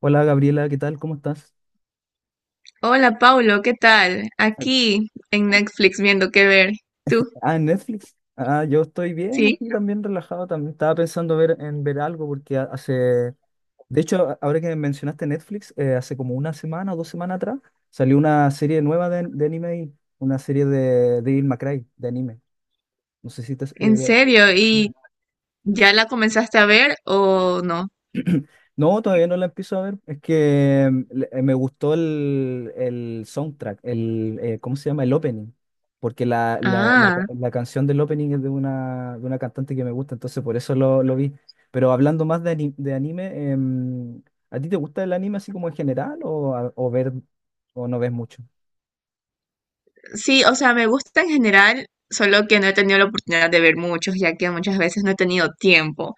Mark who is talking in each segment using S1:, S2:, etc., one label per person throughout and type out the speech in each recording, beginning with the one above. S1: Hola, Gabriela, ¿qué tal? ¿Cómo estás?
S2: Hola Paulo, ¿qué tal? Aquí en Netflix viendo qué ver. ¿Tú?
S1: Ah, en Netflix. Ah, yo estoy bien
S2: ¿Sí?
S1: aquí también, relajado. También estaba pensando ver, en ver algo porque hace... De hecho, ahora que mencionaste Netflix, hace como una semana o dos semanas atrás salió una serie nueva de anime, una serie de Devil May Cry, de anime. No sé si te...
S2: ¿En serio? ¿Y ya la comenzaste a ver o no?
S1: no, todavía no la empiezo a ver. Es que me gustó el soundtrack, el, ¿cómo se llama? El opening. Porque
S2: Ah,
S1: la canción del opening es de una cantante que me gusta, entonces por eso lo vi. Pero hablando más de, de anime, ¿a ti te gusta el anime así como en general o, o ver o no ves mucho?
S2: sí, o sea, me gusta en general, solo que no he tenido la oportunidad de ver muchos, ya que muchas veces no he tenido tiempo.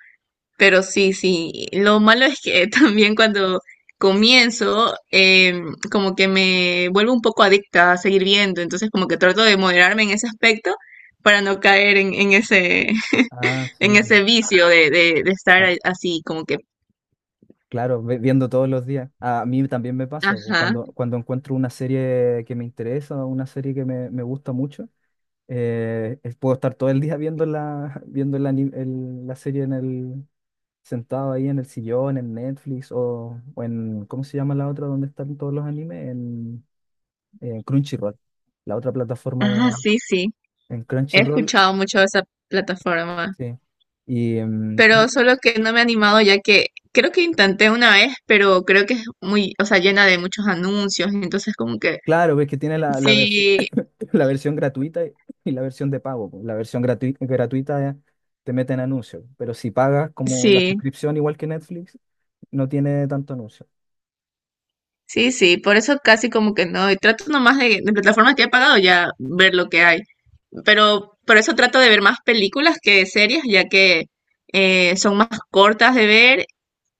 S2: Pero sí, sí, lo malo es que también cuando comienzo, como que me vuelvo un poco adicta a seguir viendo, entonces como que trato de moderarme en ese aspecto para no caer en ese,
S1: Ah, sí,
S2: en
S1: pues.
S2: ese vicio de estar
S1: Ah,
S2: así, como que,
S1: claro, viendo todos los días. A mí también me pasa, pues,
S2: ajá,
S1: cuando encuentro una serie que me interesa, una serie que me gusta mucho. Puedo estar todo el día viendo la, viendo el la serie en el, sentado ahí en el sillón, en Netflix o en, ¿cómo se llama la otra donde están todos los animes? En Crunchyroll, la otra plataforma
S2: ajá,
S1: de,
S2: sí, sí.
S1: en
S2: He
S1: Crunchyroll,
S2: escuchado mucho de esa plataforma,
S1: sí. Y pero
S2: pero solo que no me he animado ya que creo que intenté una vez, pero creo que es muy, o sea, llena de muchos anuncios, entonces como que
S1: claro, ves que tiene
S2: sí,
S1: la versión gratuita y la versión de pago, pues. La versión gratuita, te meten anuncios, pero si pagas como la
S2: sí.
S1: suscripción, igual que Netflix, no tiene tanto anuncio.
S2: Sí, sí, por eso casi como que no, y trato nomás de plataformas que he pagado ya ver lo que hay, pero por eso trato de ver más películas que series, ya que son más cortas de ver.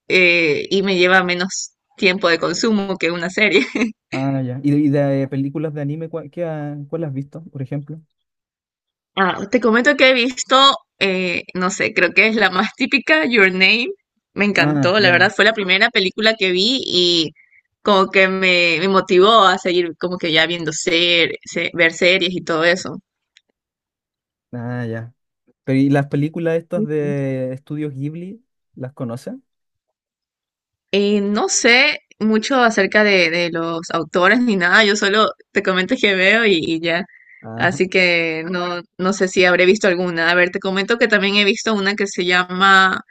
S2: Y me lleva menos tiempo de consumo que una serie.
S1: Ah, ya. ¿Y y de películas de anime, cuál, cuál has visto, por ejemplo?
S2: Ah, te comento que he visto, no sé, creo que es la más típica, Your Name. Me
S1: Ah,
S2: encantó, la verdad,
S1: ya.
S2: fue la primera película que vi y como que me motivó a seguir como que ya viendo ver series y todo eso.
S1: Ah, ya. Pero ¿y las películas estas de Estudios Ghibli, las conoces?
S2: No sé mucho acerca de los autores ni nada, yo solo te comento que veo y ya.
S1: Ah,
S2: Así que no, no sé si habré visto alguna. A ver, te comento que también he visto una que se llama,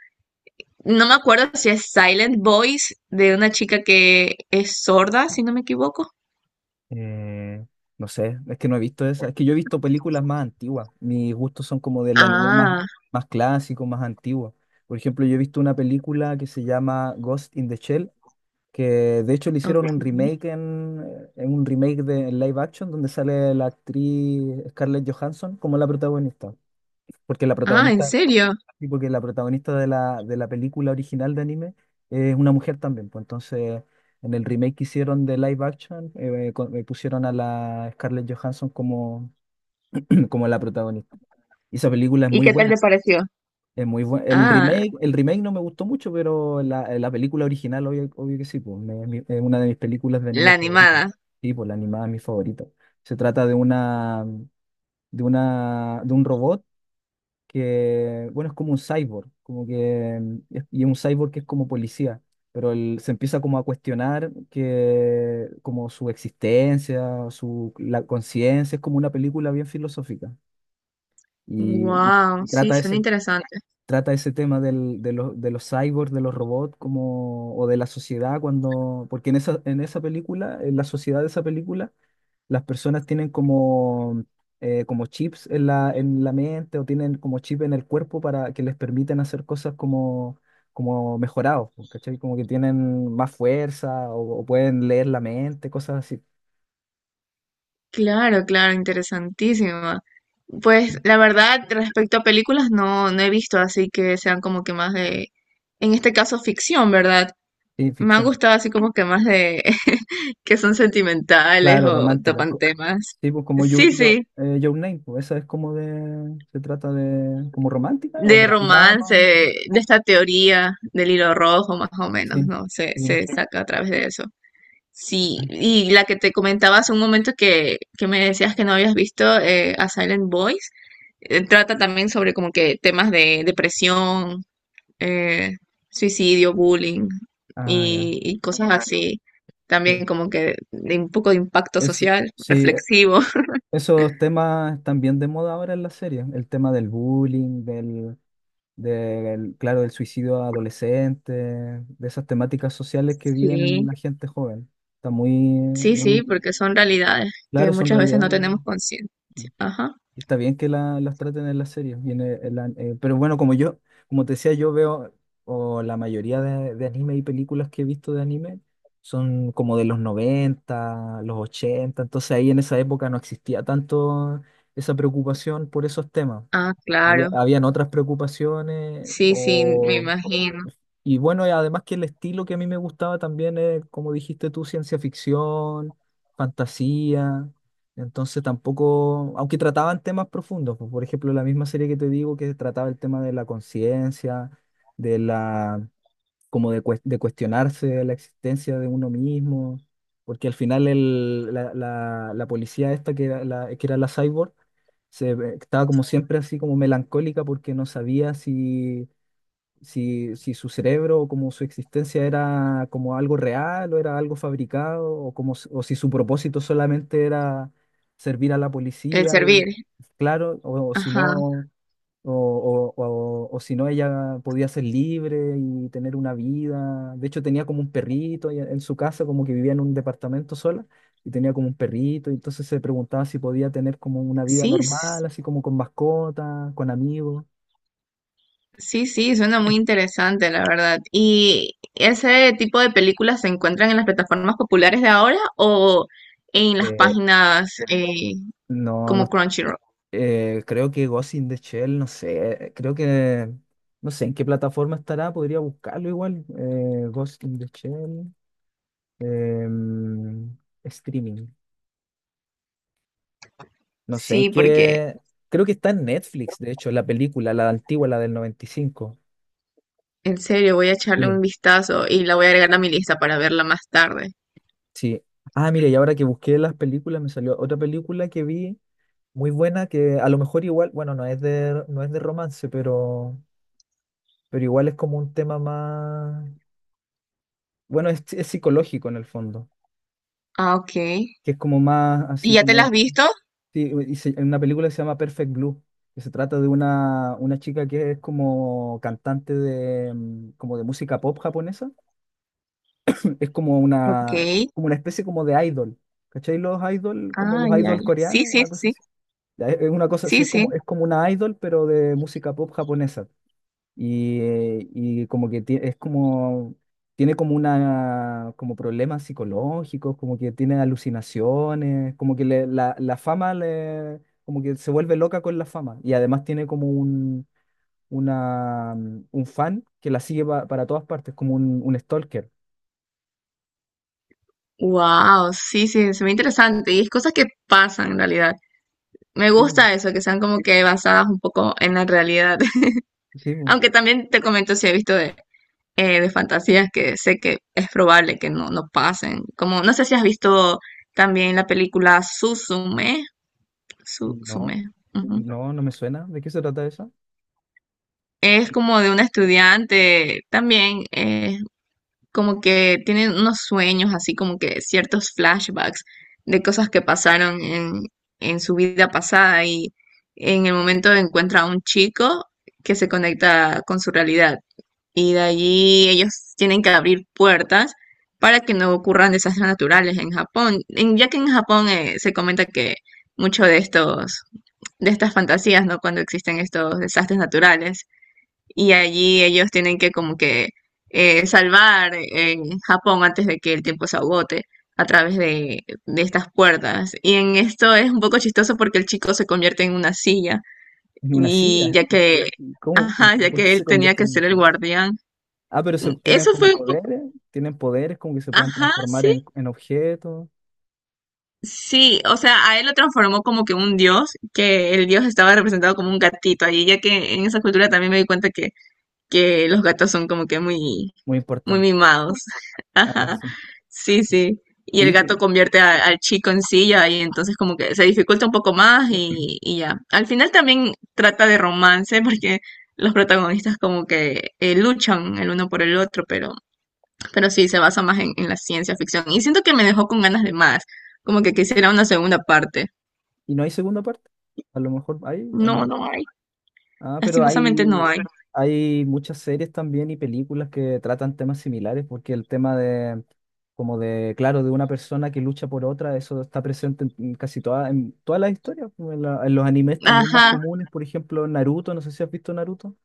S2: no me acuerdo si es Silent Voice, de una chica que es sorda, si no me equivoco.
S1: eh, no sé, es que no he visto esas. Es que yo he visto películas más antiguas. Mis gustos son como del anime más,
S2: Ah,
S1: más clásico, más antiguo. Por ejemplo, yo he visto una película que se llama Ghost in the Shell, que de hecho le hicieron un
S2: ok.
S1: remake en, un remake de en live action donde sale la actriz Scarlett Johansson como la protagonista. Porque la
S2: Ah, ¿en
S1: protagonista,
S2: serio?
S1: sí, porque la protagonista de la película original de anime es una mujer también, pues entonces en el remake que hicieron de live action, pusieron a la Scarlett Johansson como, como la protagonista. Y esa película es
S2: ¿Y
S1: muy
S2: qué tal te
S1: buena,
S2: pareció?
S1: es muy buena.
S2: Ah,
S1: El remake no me gustó mucho, pero la, la película original, obvio, obvio que sí, pues, es una de mis películas de anime
S2: la
S1: favoritas.
S2: animada.
S1: Sí, pues la animada es mi favorita. Se trata de una de una, de un robot que, bueno, es como un cyborg, como que, y es un cyborg que es como policía, pero él se empieza como a cuestionar que, como su existencia, su, la conciencia, es como una película bien filosófica,
S2: Wow,
S1: y
S2: sí,
S1: trata
S2: suena
S1: ese,
S2: interesante.
S1: trata ese tema del, de los cyborgs, de los robots, como, o de la sociedad, cuando, porque en esa película, en la sociedad de esa película, las personas tienen como, como chips en la mente, o tienen como chip en el cuerpo para que les permiten hacer cosas como, como mejorados, po, ¿cachai? Como que tienen más fuerza o pueden leer la mente, cosas así.
S2: Claro, claro, interesantísima. Pues la verdad, respecto a películas, no, no he visto así que sean como que más de, en este caso, ficción, ¿verdad?
S1: Sí,
S2: Me han
S1: ficción.
S2: gustado así como que más de que son sentimentales
S1: Claro,
S2: o
S1: romántica.
S2: topan temas.
S1: Sí, pues como Your,
S2: Sí,
S1: Your,
S2: sí,
S1: Your Name, pues esa es como de, se trata de, como romántica o
S2: de
S1: drama,
S2: romance,
S1: sí.
S2: de esta teoría del hilo rojo, más o menos,
S1: Sí.
S2: ¿no? Se,
S1: Sí.
S2: se saca a través de eso. Sí, y la que te comentaba hace un momento que me decías que no habías visto, A Silent Voice, trata también sobre como que temas de depresión, eh, suicidio, bullying
S1: Ah, ya.
S2: y cosas así.
S1: Sí.
S2: También como que de un poco de impacto
S1: Eso,
S2: social,
S1: sí,
S2: reflexivo.
S1: esos temas están bien de moda ahora en la serie. El tema del bullying, del, del, claro, del suicidio adolescente, de esas temáticas sociales que viven
S2: Sí,
S1: la gente joven. Está muy,
S2: sí, sí,
S1: muy
S2: porque son realidades que
S1: claro, son
S2: muchas veces no
S1: realidades.
S2: tenemos conciencia. Ajá.
S1: Y está bien que las traten en las series, y en pero bueno, como yo, como te decía, yo veo, o la mayoría de anime y películas que he visto de anime son como de los noventa, los ochenta, entonces ahí en esa época no existía tanto esa preocupación por esos temas.
S2: Ah,
S1: Había,
S2: claro.
S1: habían otras preocupaciones
S2: Sí, sí, me
S1: o,
S2: imagino.
S1: y bueno, y además que el estilo que a mí me gustaba también es, como dijiste tú, ciencia ficción, fantasía. Entonces tampoco, aunque trataban temas profundos, pues, por ejemplo, la misma serie que te digo que trataba el tema de la conciencia, de la, como de, de cuestionarse la existencia de uno mismo, porque al final el, la policía esta que era la cyborg, se, estaba como siempre así como melancólica porque no sabía si si, si su cerebro o como su existencia era como algo real o era algo fabricado o, como, o si su propósito solamente era servir a la
S2: El
S1: policía, y,
S2: servir.
S1: claro, o si no,
S2: Ajá.
S1: o, o si no ella podía ser libre y tener una vida. De hecho tenía como un perrito y en su casa, como que vivía en un departamento sola. Y tenía como un perrito, y entonces se preguntaba si podía tener como una vida
S2: Sí,
S1: normal, así como con mascotas, con amigos.
S2: sí, sí, suena muy interesante, la verdad. ¿Y ese tipo de películas se encuentran en las plataformas populares de ahora o en las
S1: Eh,
S2: páginas
S1: no, no.
S2: como Crunchyroll?
S1: Creo que Ghost in the Shell, no sé, creo que, no sé en qué plataforma estará, podría buscarlo igual. Ghost in the Shell, em, streaming. No sé en
S2: Sí, porque
S1: qué, creo que está en Netflix, de hecho, la película, la antigua, la del 95.
S2: en serio voy a echarle un
S1: Sí,
S2: vistazo y la voy a agregar a mi lista para verla más tarde.
S1: sí. Ah, mira, y ahora que busqué las películas, me salió otra película que vi muy buena, que a lo mejor igual, bueno, no es de, no es de romance, pero igual es como un tema más, bueno, es psicológico en el fondo.
S2: Ah, ok. ¿Y
S1: Que es como más así
S2: ya te la
S1: como...
S2: has visto?
S1: Sí, y hay una película que se llama Perfect Blue, que se trata de una chica que es como cantante de, como de música pop japonesa. Es
S2: Ok.
S1: como una especie como de idol. ¿Cachai? Los idol, como
S2: Ah,
S1: los
S2: ya,
S1: idol
S2: ya. Sí,
S1: coreanos,
S2: sí,
S1: una cosa
S2: sí.
S1: así. Ya, es una cosa así,
S2: Sí, sí.
S1: es como una idol, pero de música pop japonesa. Y como que es como, tiene como una, como problemas psicológicos, como que tiene alucinaciones, como que la, la fama le, como que se vuelve loca con la fama. Y además tiene como un, una, un fan que la sigue para todas partes, como un stalker.
S2: Wow, sí, sí, se ve interesante. Y es cosas que pasan en realidad. Me
S1: Sí, bu.
S2: gusta eso, que sean como que basadas un poco en la realidad.
S1: Sí, bu.
S2: Aunque también te comento si he visto de fantasías que sé que es probable que no, no pasen. Como, no sé si has visto también la película Suzume. Su,
S1: No,
S2: Sume. Ujú.
S1: no, no me suena. ¿De qué se trata eso?
S2: Es como de una estudiante también, como que tienen unos sueños, así como que ciertos flashbacks de cosas que pasaron en su vida pasada y en el momento encuentra a un chico que se conecta con su realidad y de allí ellos tienen que abrir puertas para que no ocurran desastres naturales en Japón. Ya que en Japón se comenta que mucho de estos, de estas fantasías, ¿no? Cuando existen estos desastres naturales y allí ellos tienen que como que salvar Japón antes de que el tiempo se agote a través de estas puertas. Y en esto es un poco chistoso porque el chico se convierte en una silla
S1: ¿En una
S2: y
S1: silla?
S2: ya que,
S1: ¿Cómo?
S2: ajá, ya
S1: Por qué
S2: que él
S1: se
S2: tenía
S1: convierte
S2: que
S1: en una
S2: ser el
S1: silla?
S2: guardián.
S1: Ah, pero se, tienen
S2: Eso
S1: como
S2: fue un poco,
S1: poderes, tienen poderes como que se pueden
S2: ajá,
S1: transformar
S2: sí.
S1: en objetos.
S2: Sí, o sea, a él lo transformó como que un dios, que el dios estaba representado como un gatito allí, ya que en esa cultura también me di cuenta que los gatos son como que muy,
S1: Muy
S2: muy
S1: importante.
S2: mimados.
S1: Ah,
S2: Ajá.
S1: sí.
S2: Sí, sí. Y el
S1: Sí,
S2: gato
S1: sí.
S2: convierte al chico en silla y entonces como que se dificulta un poco más y ya. Al final también trata de romance porque los protagonistas como que luchan el uno por el otro, pero sí se basa más en la ciencia ficción. Y siento que me dejó con ganas de más, como que quisiera una segunda parte.
S1: ¿Y no hay segunda parte? A lo mejor hay o
S2: No,
S1: no.
S2: no hay.
S1: Ah, pero
S2: Lastimosamente
S1: hay,
S2: no hay.
S1: hay muchas series también y películas que tratan temas similares, porque el tema de, como de, claro, de una persona que lucha por otra, eso está presente en casi todas, en todas las historias, como en, en los animes también más
S2: Ajá.
S1: comunes, por ejemplo, Naruto, no sé si has visto Naruto,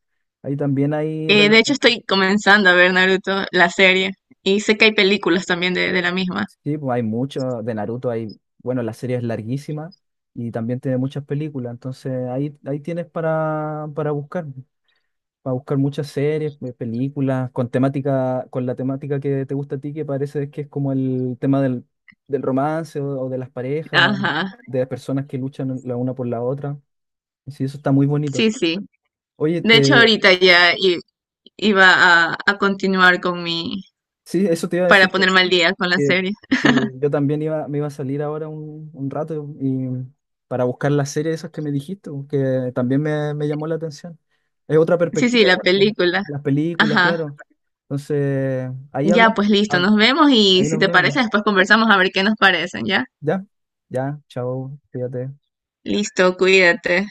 S1: ahí también hay,
S2: De hecho, estoy comenzando a ver Naruto, la serie, y sé que hay películas también de la misma.
S1: sí, pues hay mucho de Naruto, hay, bueno, la serie es larguísima y también tiene muchas películas, entonces ahí, ahí tienes para buscar muchas series, películas, con temática, con la temática que te gusta a ti, que parece que es como el tema del, del romance o de las parejas,
S2: Ajá,
S1: de las personas que luchan la una por la otra. Y sí, eso está muy bonito.
S2: sí, sí.
S1: Oye,
S2: De hecho,
S1: te,
S2: ahorita ya iba a continuar con mi,
S1: sí, eso te iba a
S2: para
S1: decir,
S2: ponerme al día con la
S1: que,
S2: serie.
S1: que yo también iba, me iba a salir ahora un rato y para buscar las series esas que me dijiste, po, que también me llamó la atención. Es otra
S2: Sí, sí,
S1: perspectiva
S2: la
S1: igual, pues,
S2: película.
S1: las películas,
S2: Ajá.
S1: claro. Entonces, ahí
S2: Ya,
S1: hablamos,
S2: pues listo,
S1: hab-
S2: nos vemos y
S1: ahí
S2: si
S1: nos
S2: te
S1: vemos.
S2: parece, después conversamos a ver qué nos parecen, ¿ya?
S1: Ya, ya, chao, cuídate.
S2: Listo, cuídate.